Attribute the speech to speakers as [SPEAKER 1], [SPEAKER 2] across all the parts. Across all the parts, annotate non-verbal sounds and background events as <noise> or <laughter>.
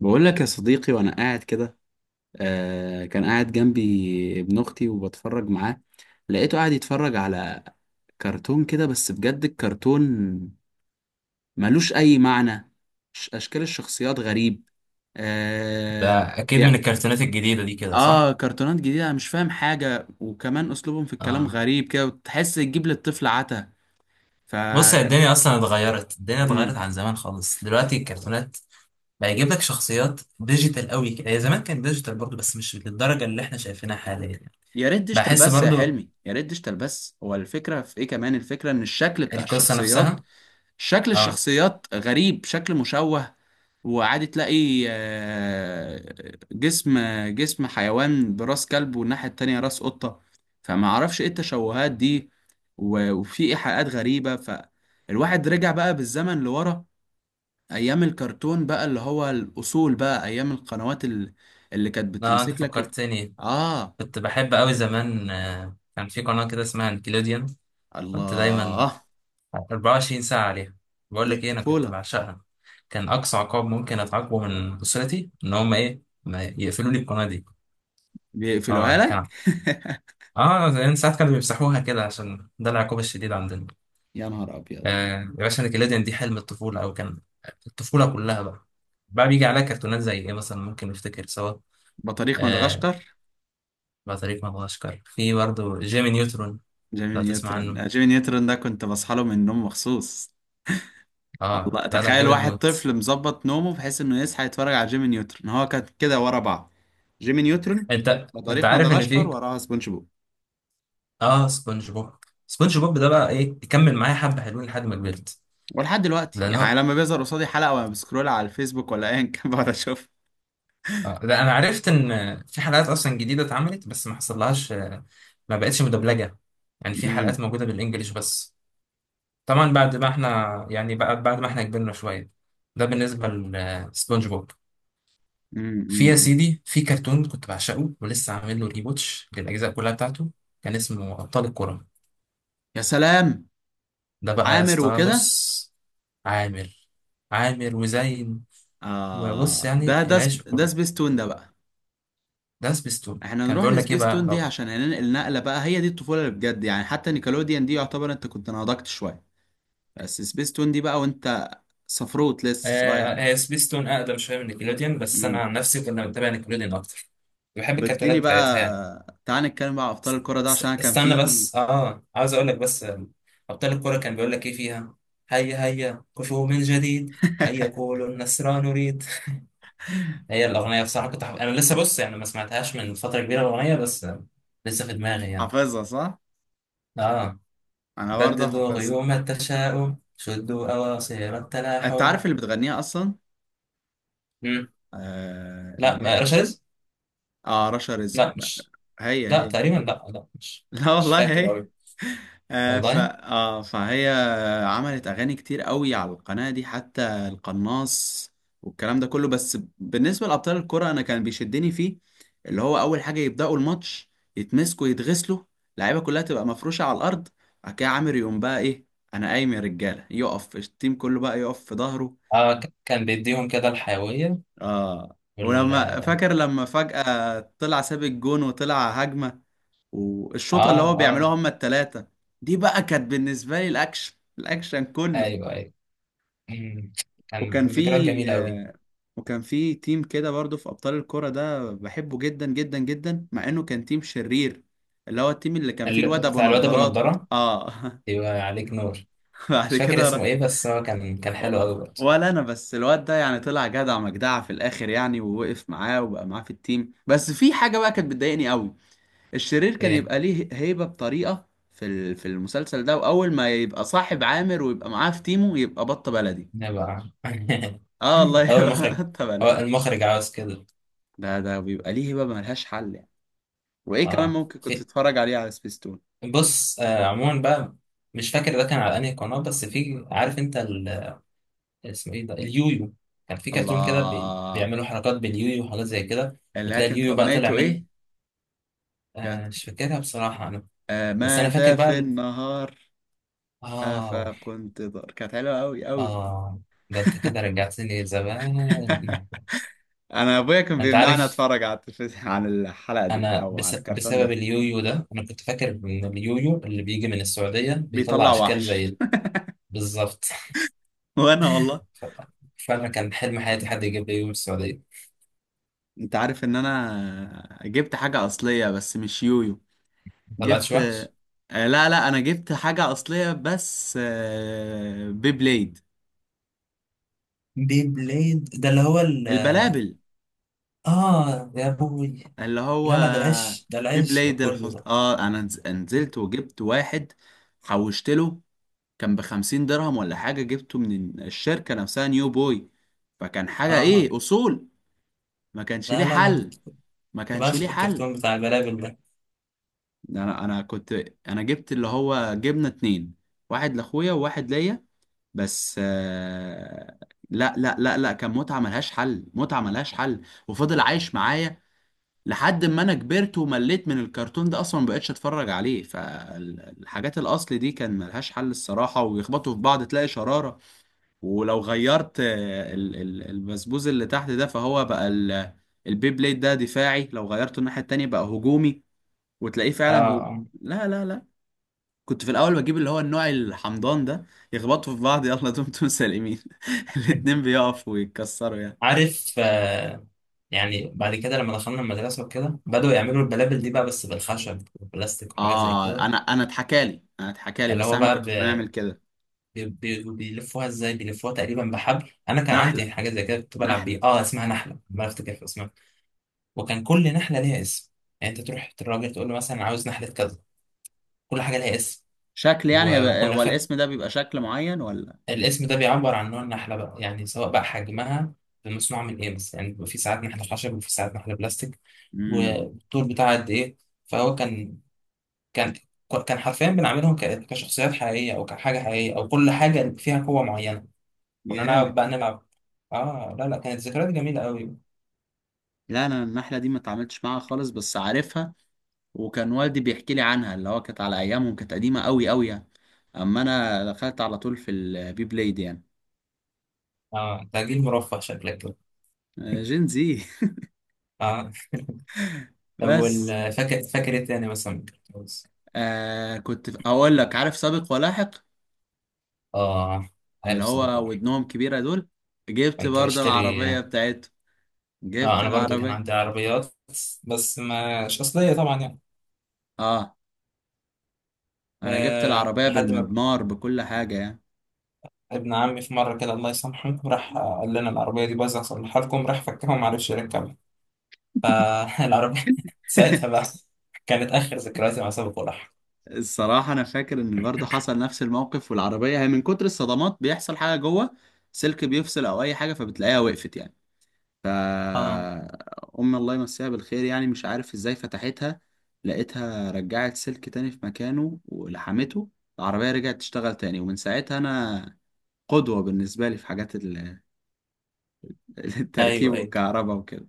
[SPEAKER 1] بقول لك يا صديقي وانا قاعد كده. آه، كان قاعد جنبي ابن اختي وبتفرج معاه. لقيته قاعد يتفرج على كرتون كده، بس بجد الكرتون ملوش اي معنى. اشكال الشخصيات غريب.
[SPEAKER 2] ده
[SPEAKER 1] آه
[SPEAKER 2] اكيد
[SPEAKER 1] بي...
[SPEAKER 2] من الكرتونات الجديده دي كده
[SPEAKER 1] اه،
[SPEAKER 2] صح.
[SPEAKER 1] كرتونات جديدة، أنا مش فاهم حاجة، وكمان اسلوبهم في الكلام
[SPEAKER 2] اه،
[SPEAKER 1] غريب كده، وتحس تجيب للطفل عتا. ف
[SPEAKER 2] بص، يا
[SPEAKER 1] ك-
[SPEAKER 2] الدنيا اصلا اتغيرت، الدنيا اتغيرت
[SPEAKER 1] مم.
[SPEAKER 2] عن زمان خالص. دلوقتي الكرتونات بقى يجيب لك شخصيات ديجيتال قوي كده، هي زمان كان ديجيتال برضو بس مش للدرجه اللي احنا شايفينها حاليا.
[SPEAKER 1] يا ريت ديجيتال
[SPEAKER 2] بحس
[SPEAKER 1] بس يا
[SPEAKER 2] برضو
[SPEAKER 1] حلمي، يا ريت ديجيتال بس. هو الفكرة في ايه؟ كمان الفكرة ان الشكل بتاع
[SPEAKER 2] القصه
[SPEAKER 1] الشخصيات،
[SPEAKER 2] نفسها.
[SPEAKER 1] شكل
[SPEAKER 2] اه
[SPEAKER 1] الشخصيات غريب، شكل مشوه. وعادي تلاقي جسم حيوان براس كلب، والناحية التانية راس قطة. فما اعرفش ايه التشوهات دي. وفي ايحاءات غريبة. فالواحد رجع بقى بالزمن لورا، ايام الكرتون بقى، اللي هو الاصول بقى، ايام القنوات اللي كانت
[SPEAKER 2] اه، انت
[SPEAKER 1] بتمسك لك
[SPEAKER 2] فكرتني،
[SPEAKER 1] اه،
[SPEAKER 2] كنت بحب قوي زمان كان في قناه كده اسمها نيكلوديان، كنت دايما
[SPEAKER 1] الله،
[SPEAKER 2] 24 ساعه عليها. بقول
[SPEAKER 1] دي
[SPEAKER 2] لك ايه، انا كنت
[SPEAKER 1] الطفولة.
[SPEAKER 2] بعشقها. كان اقصى عقاب ممكن اتعاقبه من اسرتي ان هم ايه، ما يقفلوا لي القناه دي.
[SPEAKER 1] بيقفلوها
[SPEAKER 2] اه،
[SPEAKER 1] لك
[SPEAKER 2] كان
[SPEAKER 1] <laughs>
[SPEAKER 2] اه زمان ساعات كانوا بيمسحوها كده عشان ده العقاب الشديد عندنا.
[SPEAKER 1] يا نهار ابيض.
[SPEAKER 2] آه يا باشا، نيكليديان دي حلم الطفولة، او كان الطفولة كلها بقى. بقى بيجي عليها كرتونات زي ايه مثلا، ممكن نفتكر سوا؟
[SPEAKER 1] بطريق
[SPEAKER 2] آه،
[SPEAKER 1] مدغشقر.
[SPEAKER 2] بطريق مدغشقر، في برضه جيمي نيوترون،
[SPEAKER 1] جيمي
[SPEAKER 2] لو تسمع عنه.
[SPEAKER 1] نيوترن، جيمي نيوترن ده كنت بصحى له من النوم مخصوص.
[SPEAKER 2] اه
[SPEAKER 1] الله،
[SPEAKER 2] لا لا،
[SPEAKER 1] تخيل
[SPEAKER 2] جامد
[SPEAKER 1] واحد
[SPEAKER 2] موت.
[SPEAKER 1] طفل مظبط نومه بحيث انه يصحى يتفرج على جيمي نيوترن. هو كان كده ورا بعض: جيمي نيوترن،
[SPEAKER 2] انت
[SPEAKER 1] بطريق
[SPEAKER 2] عارف ان
[SPEAKER 1] مدغشقر،
[SPEAKER 2] في.
[SPEAKER 1] وراها سبونج بوب.
[SPEAKER 2] اه، سبونج بوب، سبونج بوب ده بقى ايه، يكمل معايا حبة حلوين لحد ما كبرت.
[SPEAKER 1] ولحد دلوقتي
[SPEAKER 2] لان هو
[SPEAKER 1] يعني، لما بيظهر قصادي حلقة وانا بسكرول على الفيسبوك ولا ايا كان <laughs> بقعد اشوف.
[SPEAKER 2] اه ده انا عرفت ان في حلقات اصلا جديده اتعملت، بس ما حصلهاش. ما بقتش مدبلجه يعني، في
[SPEAKER 1] أمم،
[SPEAKER 2] حلقات موجوده بالانجليش بس، طبعا بعد ما احنا يعني بعد ما احنا كبرنا شويه. ده بالنسبه لسبونج بوب.
[SPEAKER 1] أمم،
[SPEAKER 2] يا
[SPEAKER 1] أمم.
[SPEAKER 2] سيدي، في كرتون كنت بعشقه ولسه عامل له ريبوتش للاجزاء كلها بتاعته، كان اسمه ابطال الكره.
[SPEAKER 1] يا سلام.
[SPEAKER 2] ده بقى يا
[SPEAKER 1] عامر
[SPEAKER 2] اسطى
[SPEAKER 1] وكده.
[SPEAKER 2] بص، عامر عامر وزين.
[SPEAKER 1] آه،
[SPEAKER 2] وبص يعني العشق
[SPEAKER 1] ده
[SPEAKER 2] كله،
[SPEAKER 1] سبيستون ده بقى.
[SPEAKER 2] ده سبيستون،
[SPEAKER 1] احنا
[SPEAKER 2] كان
[SPEAKER 1] نروح
[SPEAKER 2] بيقول لك ايه بقى
[SPEAKER 1] لسبيستون دي
[SPEAKER 2] لو.
[SPEAKER 1] عشان هننقل نقلة بقى، هي دي الطفولة اللي بجد يعني، حتى نيكلوديان دي يعتبر انت كنت نضجت شوية. بس سبيستون دي بقى وانت صفروت لسه صغير
[SPEAKER 2] آه، هي
[SPEAKER 1] خالص.
[SPEAKER 2] سبيستون اقدم شويه من نيكلوديان، بس انا
[SPEAKER 1] امم.
[SPEAKER 2] عن نفسي كنا بنتابع نيكلوديان اكتر، بحب
[SPEAKER 1] طب
[SPEAKER 2] الكرتونات
[SPEAKER 1] اديني
[SPEAKER 2] بتاعتها يعني.
[SPEAKER 1] بقى، تعال نتكلم بقى على ابطال الكرة ده، عشان انا كان
[SPEAKER 2] استنى
[SPEAKER 1] في
[SPEAKER 2] بس، اه، عاوز اقول لك بس. ابطال الكوره كان بيقول لك ايه فيها؟ هيا هيا كفوا من جديد، هيا
[SPEAKER 1] <laughs>
[SPEAKER 2] قولوا النصر نريد. <laughs> هي الاغنيه بصراحه كنت حب... انا لسه بص يعني ما سمعتهاش من فتره كبيره الاغنيه بس، لسه في دماغي يعني.
[SPEAKER 1] حافظها صح؟
[SPEAKER 2] اه،
[SPEAKER 1] انا برضه
[SPEAKER 2] بددوا
[SPEAKER 1] حافظها.
[SPEAKER 2] غيوم التشاؤم، شدوا اواصر
[SPEAKER 1] انت
[SPEAKER 2] التلاحم.
[SPEAKER 1] عارف اللي بتغنيها اصلا؟
[SPEAKER 2] مم.
[SPEAKER 1] اه,
[SPEAKER 2] لا،
[SPEAKER 1] لا.
[SPEAKER 2] رشاز.
[SPEAKER 1] آه، رشا رزق.
[SPEAKER 2] لا مش.
[SPEAKER 1] هي
[SPEAKER 2] لا،
[SPEAKER 1] هي.
[SPEAKER 2] تقريبا، لا لا، مش.
[SPEAKER 1] لا
[SPEAKER 2] مش
[SPEAKER 1] والله
[SPEAKER 2] فاكر
[SPEAKER 1] هي.
[SPEAKER 2] قوي.
[SPEAKER 1] آه ف
[SPEAKER 2] والله.
[SPEAKER 1] آه فهي عملت اغاني كتير قوي على القناه دي، حتى القناص، والكلام ده كله. بس بالنسبه لابطال الكره، انا كان بيشدني فيه اللي هو اول حاجه يبداوا الماتش يتمسكوا يتغسلوا، اللعيبه كلها تبقى مفروشه على الارض. بعد كده عامر يقوم بقى ايه، انا قايم يا رجاله، يقف التيم كله بقى يقف في ظهره.
[SPEAKER 2] اه، كان بيديهم كده الحيوية.
[SPEAKER 1] اه،
[SPEAKER 2] وال
[SPEAKER 1] فاكر لما فجاه طلع ساب الجون وطلع هجمه، والشوطه
[SPEAKER 2] اه
[SPEAKER 1] اللي هو
[SPEAKER 2] اه،
[SPEAKER 1] بيعملوها هما التلاتة. دي بقى كانت بالنسبه لي الاكشن، الاكشن كله.
[SPEAKER 2] ايوه ايوه. أمم، كان
[SPEAKER 1] وكان في
[SPEAKER 2] ذكريات جميلة قوي.
[SPEAKER 1] آه، تيم كده برضو في ابطال الكرة ده، بحبه جدا جدا جدا، مع انه كان تيم شرير، اللي هو التيم اللي كان فيه الواد ابو
[SPEAKER 2] بتاع الواد ابو
[SPEAKER 1] نضارات.
[SPEAKER 2] نضارة،
[SPEAKER 1] اه
[SPEAKER 2] يبقى عليك نور.
[SPEAKER 1] <laughs> بعد
[SPEAKER 2] مش فاكر
[SPEAKER 1] كده
[SPEAKER 2] اسمه
[SPEAKER 1] راح.
[SPEAKER 2] ايه، بس هو كان حلو قوي برضه.
[SPEAKER 1] ولا انا بس الواد ده يعني طلع جدع مجدع في الاخر يعني، ووقف معاه وبقى معاه في التيم، بس في حاجه بقى كانت بتضايقني قوي. الشرير كان
[SPEAKER 2] ايه،
[SPEAKER 1] يبقى ليه هيبة بطريقة في المسلسل ده، واول ما يبقى صاحب عامر ويبقى معاه في تيمه يبقى بط بلدي.
[SPEAKER 2] نبقى
[SPEAKER 1] اه، الله،
[SPEAKER 2] <laughs> هو
[SPEAKER 1] يبقى
[SPEAKER 2] المخرج.
[SPEAKER 1] <laughs> بط
[SPEAKER 2] هو
[SPEAKER 1] بلدي؟
[SPEAKER 2] المخرج عاوز كده.
[SPEAKER 1] ده بيبقى ليه هيبة ملهاش حل يعني. وايه كمان
[SPEAKER 2] اه،
[SPEAKER 1] ممكن كنت
[SPEAKER 2] في.
[SPEAKER 1] تتفرج عليه على سبيستون؟
[SPEAKER 2] بص، عموما بقى مش فاكر ده كان على انهي قناة، بس في، عارف انت اسمه ايه، ده اليويو، كان في كرتون كده
[SPEAKER 1] الله،
[SPEAKER 2] بيعملوا حركات باليويو وحاجات زي كده،
[SPEAKER 1] اللي هي
[SPEAKER 2] وتلاقي
[SPEAKER 1] كانت
[SPEAKER 2] اليويو بقى طلع
[SPEAKER 1] اغنيته
[SPEAKER 2] منه.
[SPEAKER 1] ايه؟ كانت
[SPEAKER 2] آه، مش فاكرها بصراحة أنا. بس أنا فاكر
[SPEAKER 1] ماذا
[SPEAKER 2] بقى
[SPEAKER 1] في النهار،
[SPEAKER 2] آه
[SPEAKER 1] افكنت ضار، كانت حلوه قوي قوي.
[SPEAKER 2] آه، ده أنت كده رجعتني زمان.
[SPEAKER 1] انا ابويا كان
[SPEAKER 2] أنت
[SPEAKER 1] بيمنعني
[SPEAKER 2] عارف،
[SPEAKER 1] اتفرج على التلفزيون، على الحلقه دي او على الكرتون
[SPEAKER 2] بسبب
[SPEAKER 1] ده.
[SPEAKER 2] اليويو ده، أنا كنت فاكر إن اليويو اللي بيجي من السعودية بيطلع
[SPEAKER 1] بيطلع
[SPEAKER 2] أشكال
[SPEAKER 1] وحش
[SPEAKER 2] زي. بالظبط. <laughs>
[SPEAKER 1] <laughs> وانا والله،
[SPEAKER 2] ف- فعلا كان حلم حياتي حد يجيب لي يويو من السعودية،
[SPEAKER 1] انت عارف ان انا جبت حاجة اصلية بس مش يويو.
[SPEAKER 2] ما طلعتش
[SPEAKER 1] جبت
[SPEAKER 2] وحش.
[SPEAKER 1] آه، لا، لا، انا جبت حاجة اصلية، بس بيبليد.
[SPEAKER 2] بي بليد، ده اللي هو
[SPEAKER 1] البلابل.
[SPEAKER 2] آه يا أبوي.
[SPEAKER 1] اللي هو
[SPEAKER 2] لا لا، ده العيش، ده العيش
[SPEAKER 1] بيبليد
[SPEAKER 2] كله
[SPEAKER 1] الحص...
[SPEAKER 2] ده.
[SPEAKER 1] اه انا نزلت وجبت واحد، حوشت له. كان ب50 درهم ولا حاجة، جبته من الشركة نفسها نيو بوي. فكان حاجة
[SPEAKER 2] اه
[SPEAKER 1] ايه؟ اصول. ما كانش ليه
[SPEAKER 2] لا لا، انا كنت
[SPEAKER 1] حل، ما
[SPEAKER 2] كنت
[SPEAKER 1] كانش ليه
[SPEAKER 2] بعشق
[SPEAKER 1] حل.
[SPEAKER 2] الكرتون بتاع البلابل ده.
[SPEAKER 1] انا كنت، انا جبت اللي هو جبنه اتنين، واحد لاخويا وواحد ليا. بس لا، لا، لا، لا، كان متعه ملهاش حل، متعه ملهاش حل. وفضل عايش معايا لحد ما انا كبرت ومليت من الكرتون ده، اصلا ما بقتش اتفرج عليه. فالحاجات الاصل دي كان ملهاش حل الصراحه، ويخبطوا في بعض تلاقي شراره. ولو غيرت البسبوز اللي تحت ده، فهو بقى البيبليد ده دفاعي، لو غيرته الناحيه التانيه بقى هجومي، وتلاقيه
[SPEAKER 2] اه،
[SPEAKER 1] فعلا هو.
[SPEAKER 2] آه.
[SPEAKER 1] لا، لا، لا، كنت في الاول بجيب اللي هو النوع الحمضان ده، يخبطوا في بعض، يلا دمتم سالمين <laughs> الاتنين
[SPEAKER 2] <laughs>
[SPEAKER 1] بيقفوا ويتكسروا يعني.
[SPEAKER 2] عارف، آه. يعني بعد كده لما دخلنا المدرسة وكده، بدأوا يعملوا البلابل دي بقى بس بالخشب والبلاستيك وحاجات زي
[SPEAKER 1] اه
[SPEAKER 2] كده.
[SPEAKER 1] انا انا اتحكالي انا اتحكالي
[SPEAKER 2] اللي
[SPEAKER 1] بس
[SPEAKER 2] هو
[SPEAKER 1] احنا ما
[SPEAKER 2] بقى
[SPEAKER 1] كناش بنعمل كده.
[SPEAKER 2] بيلفوها ازاي، بيلفوها تقريبا بحبل. انا كان
[SPEAKER 1] نحله.
[SPEAKER 2] عندي حاجة زي كده، كنت بلعب
[SPEAKER 1] نحله.
[SPEAKER 2] بيه، اسمها نحلة، ما افتكر اسمها. وكان كل نحلة ليها اسم، يعني انت تروح الراجل تقول له مثلا عاوز نحلة كذا، كل حاجة ليها اسم.
[SPEAKER 1] شكل يعني
[SPEAKER 2] وكنا
[SPEAKER 1] هو الاسم ده بيبقى شكل معين ولا؟
[SPEAKER 2] الاسم ده بيعبر عن نوع النحلة بقى، يعني سواء بقى حجمها، مصنوعة من ايه. بس يعني بيبقى في ساعات نحلة خشب وفي ساعات نحلة بلاستيك،
[SPEAKER 1] امم.
[SPEAKER 2] والطول بتاعها قد ايه. فهو كان كان كان حرفيا بنعملهم كشخصيات حقيقية، أو كحاجة حقيقية، أو كل حاجة فيها قوة معينة. كنا نلعب
[SPEAKER 1] جامد.
[SPEAKER 2] بقى نلعب. اه لا لا، كانت ذكريات جميلة قوي.
[SPEAKER 1] لا، انا النحله دي ما اتعاملتش معاها خالص، بس عارفها، وكان والدي بيحكي لي عنها، اللي هو كانت على ايامهم، كانت قديمه قوي قوي يعني. اما انا دخلت على طول في البي بلاي دي يعني.
[SPEAKER 2] اه، ده جيل مرفه شكلك كده.
[SPEAKER 1] آه، جين زي
[SPEAKER 2] اه،
[SPEAKER 1] <laughs>
[SPEAKER 2] طب
[SPEAKER 1] بس.
[SPEAKER 2] فاكر ايه تاني مثلا؟
[SPEAKER 1] آه، كنت اقول لك، عارف سابق ولاحق؟
[SPEAKER 2] اه،
[SPEAKER 1] اللي
[SPEAKER 2] عارف سباق
[SPEAKER 1] هو
[SPEAKER 2] واحد،
[SPEAKER 1] ودنهم كبيرة دول. جبت
[SPEAKER 2] كنت
[SPEAKER 1] برضه العربية
[SPEAKER 2] بشتري.
[SPEAKER 1] بتاعته،
[SPEAKER 2] اه،
[SPEAKER 1] جبت
[SPEAKER 2] انا برضو كان
[SPEAKER 1] العربية.
[SPEAKER 2] عندي عربيات، بس مش اصليه طبعا يعني.
[SPEAKER 1] اه، انا جبت
[SPEAKER 2] أه،
[SPEAKER 1] العربية
[SPEAKER 2] لحد ما
[SPEAKER 1] بالمضمار بكل حاجة يعني.
[SPEAKER 2] ابن عمي في مره كده، الله يسامحه، راح قال لنا العربيه دي بايظه، اصلحها لكم. راح فكها وما عرفش يركبها، فالعربيه <laughs> ساعتها بقى
[SPEAKER 1] <laughs>
[SPEAKER 2] كانت اخر ذكرياتي مع سابق ولاحق.
[SPEAKER 1] الصراحة أنا فاكر إن برضه حصل نفس الموقف، والعربية هي من كتر الصدمات بيحصل حاجة جوه، سلك بيفصل أو أي حاجة، فبتلاقيها وقفت يعني.
[SPEAKER 2] اه،
[SPEAKER 1] فأم الله يمسيها بالخير، يعني مش عارف ازاي فتحتها، لقيتها رجعت سلك تاني في مكانه ولحمته، العربية رجعت تشتغل تاني. ومن ساعتها أنا قدوة بالنسبة لي في حاجات <laughs> التركيب
[SPEAKER 2] ايوه ايوه.
[SPEAKER 1] والكهرباء وكده.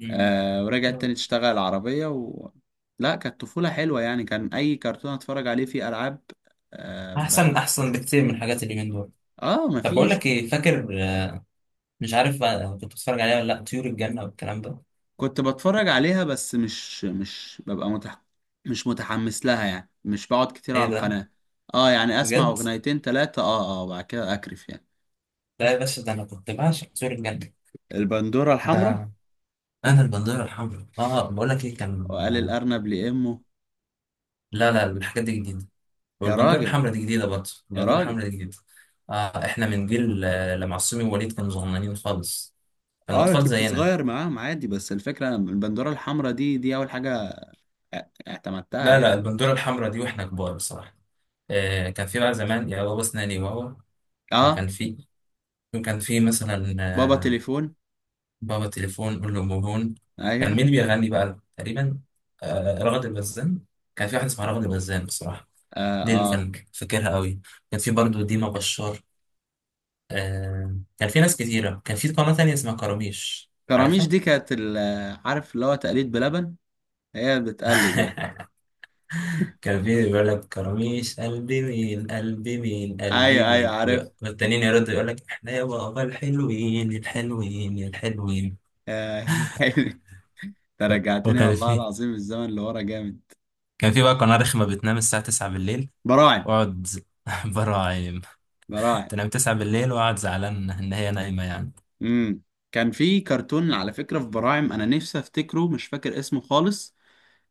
[SPEAKER 2] مم.
[SPEAKER 1] أه، ورجعت تاني تشتغل العربية لا، كانت طفولة حلوة يعني، كان أي كرتون أتفرج عليه فيه ألعاب. أه
[SPEAKER 2] احسن
[SPEAKER 1] بح...
[SPEAKER 2] احسن بكتير من حاجات اليومين دول.
[SPEAKER 1] آه،
[SPEAKER 2] طب بقول
[SPEAKER 1] مفيش.
[SPEAKER 2] لك ايه، فاكر، مش عارف بقى كنت بتتفرج عليها ولا لا، طيور الجنه والكلام ده؟
[SPEAKER 1] كنت بتفرج عليها، بس مش متحمس لها يعني، مش بقعد كتير
[SPEAKER 2] ايه
[SPEAKER 1] على
[SPEAKER 2] ده،
[SPEAKER 1] القناة. اه يعني، اسمع
[SPEAKER 2] بجد؟
[SPEAKER 1] اغنيتين تلاتة، وبعد كده اكرف يعني.
[SPEAKER 2] لا يا باشا، ده انا كنت بعشق طيور الجنه.
[SPEAKER 1] البندورة
[SPEAKER 2] ده
[SPEAKER 1] الحمراء.
[SPEAKER 2] انا البندوره الحمراء، اه بقول لك ايه كان.
[SPEAKER 1] وقال الارنب لامه.
[SPEAKER 2] لا لا، الحاجات دي جديده،
[SPEAKER 1] يا
[SPEAKER 2] والبندوره
[SPEAKER 1] راجل،
[SPEAKER 2] الحمراء دي جديده برضه،
[SPEAKER 1] يا
[SPEAKER 2] البندوره
[SPEAKER 1] راجل.
[SPEAKER 2] الحمراء دي جديده. آه، احنا من جيل، لما عصومي ووليد كانوا صغننين خالص، كانوا
[SPEAKER 1] اه، انا
[SPEAKER 2] اطفال
[SPEAKER 1] كنت
[SPEAKER 2] زينا.
[SPEAKER 1] صغير معاهم عادي، بس الفكرة انا البندورة الحمراء دي، دي اول حاجة اعتمدتها
[SPEAKER 2] لا لا،
[SPEAKER 1] يعني.
[SPEAKER 2] البندوره الحمراء دي واحنا كبار بصراحه. آه، كان في بقى زمان يا بابا اسناني بابا، وكان
[SPEAKER 1] اه،
[SPEAKER 2] في، وكان في مثلا
[SPEAKER 1] بابا
[SPEAKER 2] آه،
[SPEAKER 1] تليفون.
[SPEAKER 2] بابا تليفون قول له مهون. كان مين
[SPEAKER 1] ايوه.
[SPEAKER 2] اللي بيغني بقى تقريبا؟ آه، رغد البزان. كان في واحد اسمها رغد البزان بصراحه،
[SPEAKER 1] اه.
[SPEAKER 2] دي اللي
[SPEAKER 1] اه.
[SPEAKER 2] كان فاكرها قوي. كان في برضو ديما بشار. آه، كان في ناس كتيرة. كان في قناة تانية اسمها كراميش،
[SPEAKER 1] كراميش
[SPEAKER 2] عارفها؟
[SPEAKER 1] دي كانت عارف اللي هو تقليد بلبن، هي بتقلد يعني.
[SPEAKER 2] <laughs> كان في بيقول لك كراميش قلبي مين قلبي مين
[SPEAKER 1] ايوه،
[SPEAKER 2] قلبي
[SPEAKER 1] ايوه،
[SPEAKER 2] مين،
[SPEAKER 1] عارف.
[SPEAKER 2] والتانيين يردوا يقول لك احنا يا بابا الحلوين الحلوين الحلوين.
[SPEAKER 1] آه <laughs> يا عم حلمي، انت رجعتني
[SPEAKER 2] وكان
[SPEAKER 1] والله
[SPEAKER 2] في،
[SPEAKER 1] العظيم الزمن اللي ورا جامد.
[SPEAKER 2] كان في بقى قناة رخمة بتنام الساعة 9 بالليل،
[SPEAKER 1] براعم.
[SPEAKER 2] واقعد <laughs> برا عايم،
[SPEAKER 1] براعم.
[SPEAKER 2] تنام 9 بالليل واقعد زعلان ان هي نايمة يعني.
[SPEAKER 1] امم. كان في كرتون على فكرة في براعم، انا نفسي افتكره، مش فاكر اسمه خالص.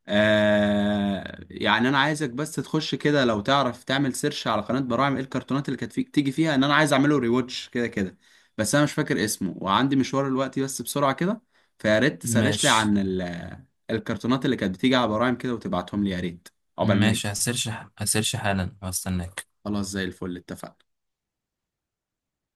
[SPEAKER 1] آه، يعني انا عايزك بس تخش كده، لو تعرف تعمل سيرش على قناة براعم، ايه الكرتونات اللي كانت فيك تيجي فيها، ان انا عايز اعمله ريواتش كده كده. بس انا مش فاكر اسمه، وعندي مشوار دلوقتي، بس بسرعة كده، فيا ريت تسرش لي
[SPEAKER 2] ماشي،
[SPEAKER 1] عن الكرتونات اللي كانت بتيجي على براعم كده، وتبعتهم لي يا ريت. عقبال ما
[SPEAKER 2] ماشي،
[SPEAKER 1] اجي.
[SPEAKER 2] هسيرش، هسيرش حالا واستناك.
[SPEAKER 1] خلاص، زي الفل، اتفقنا.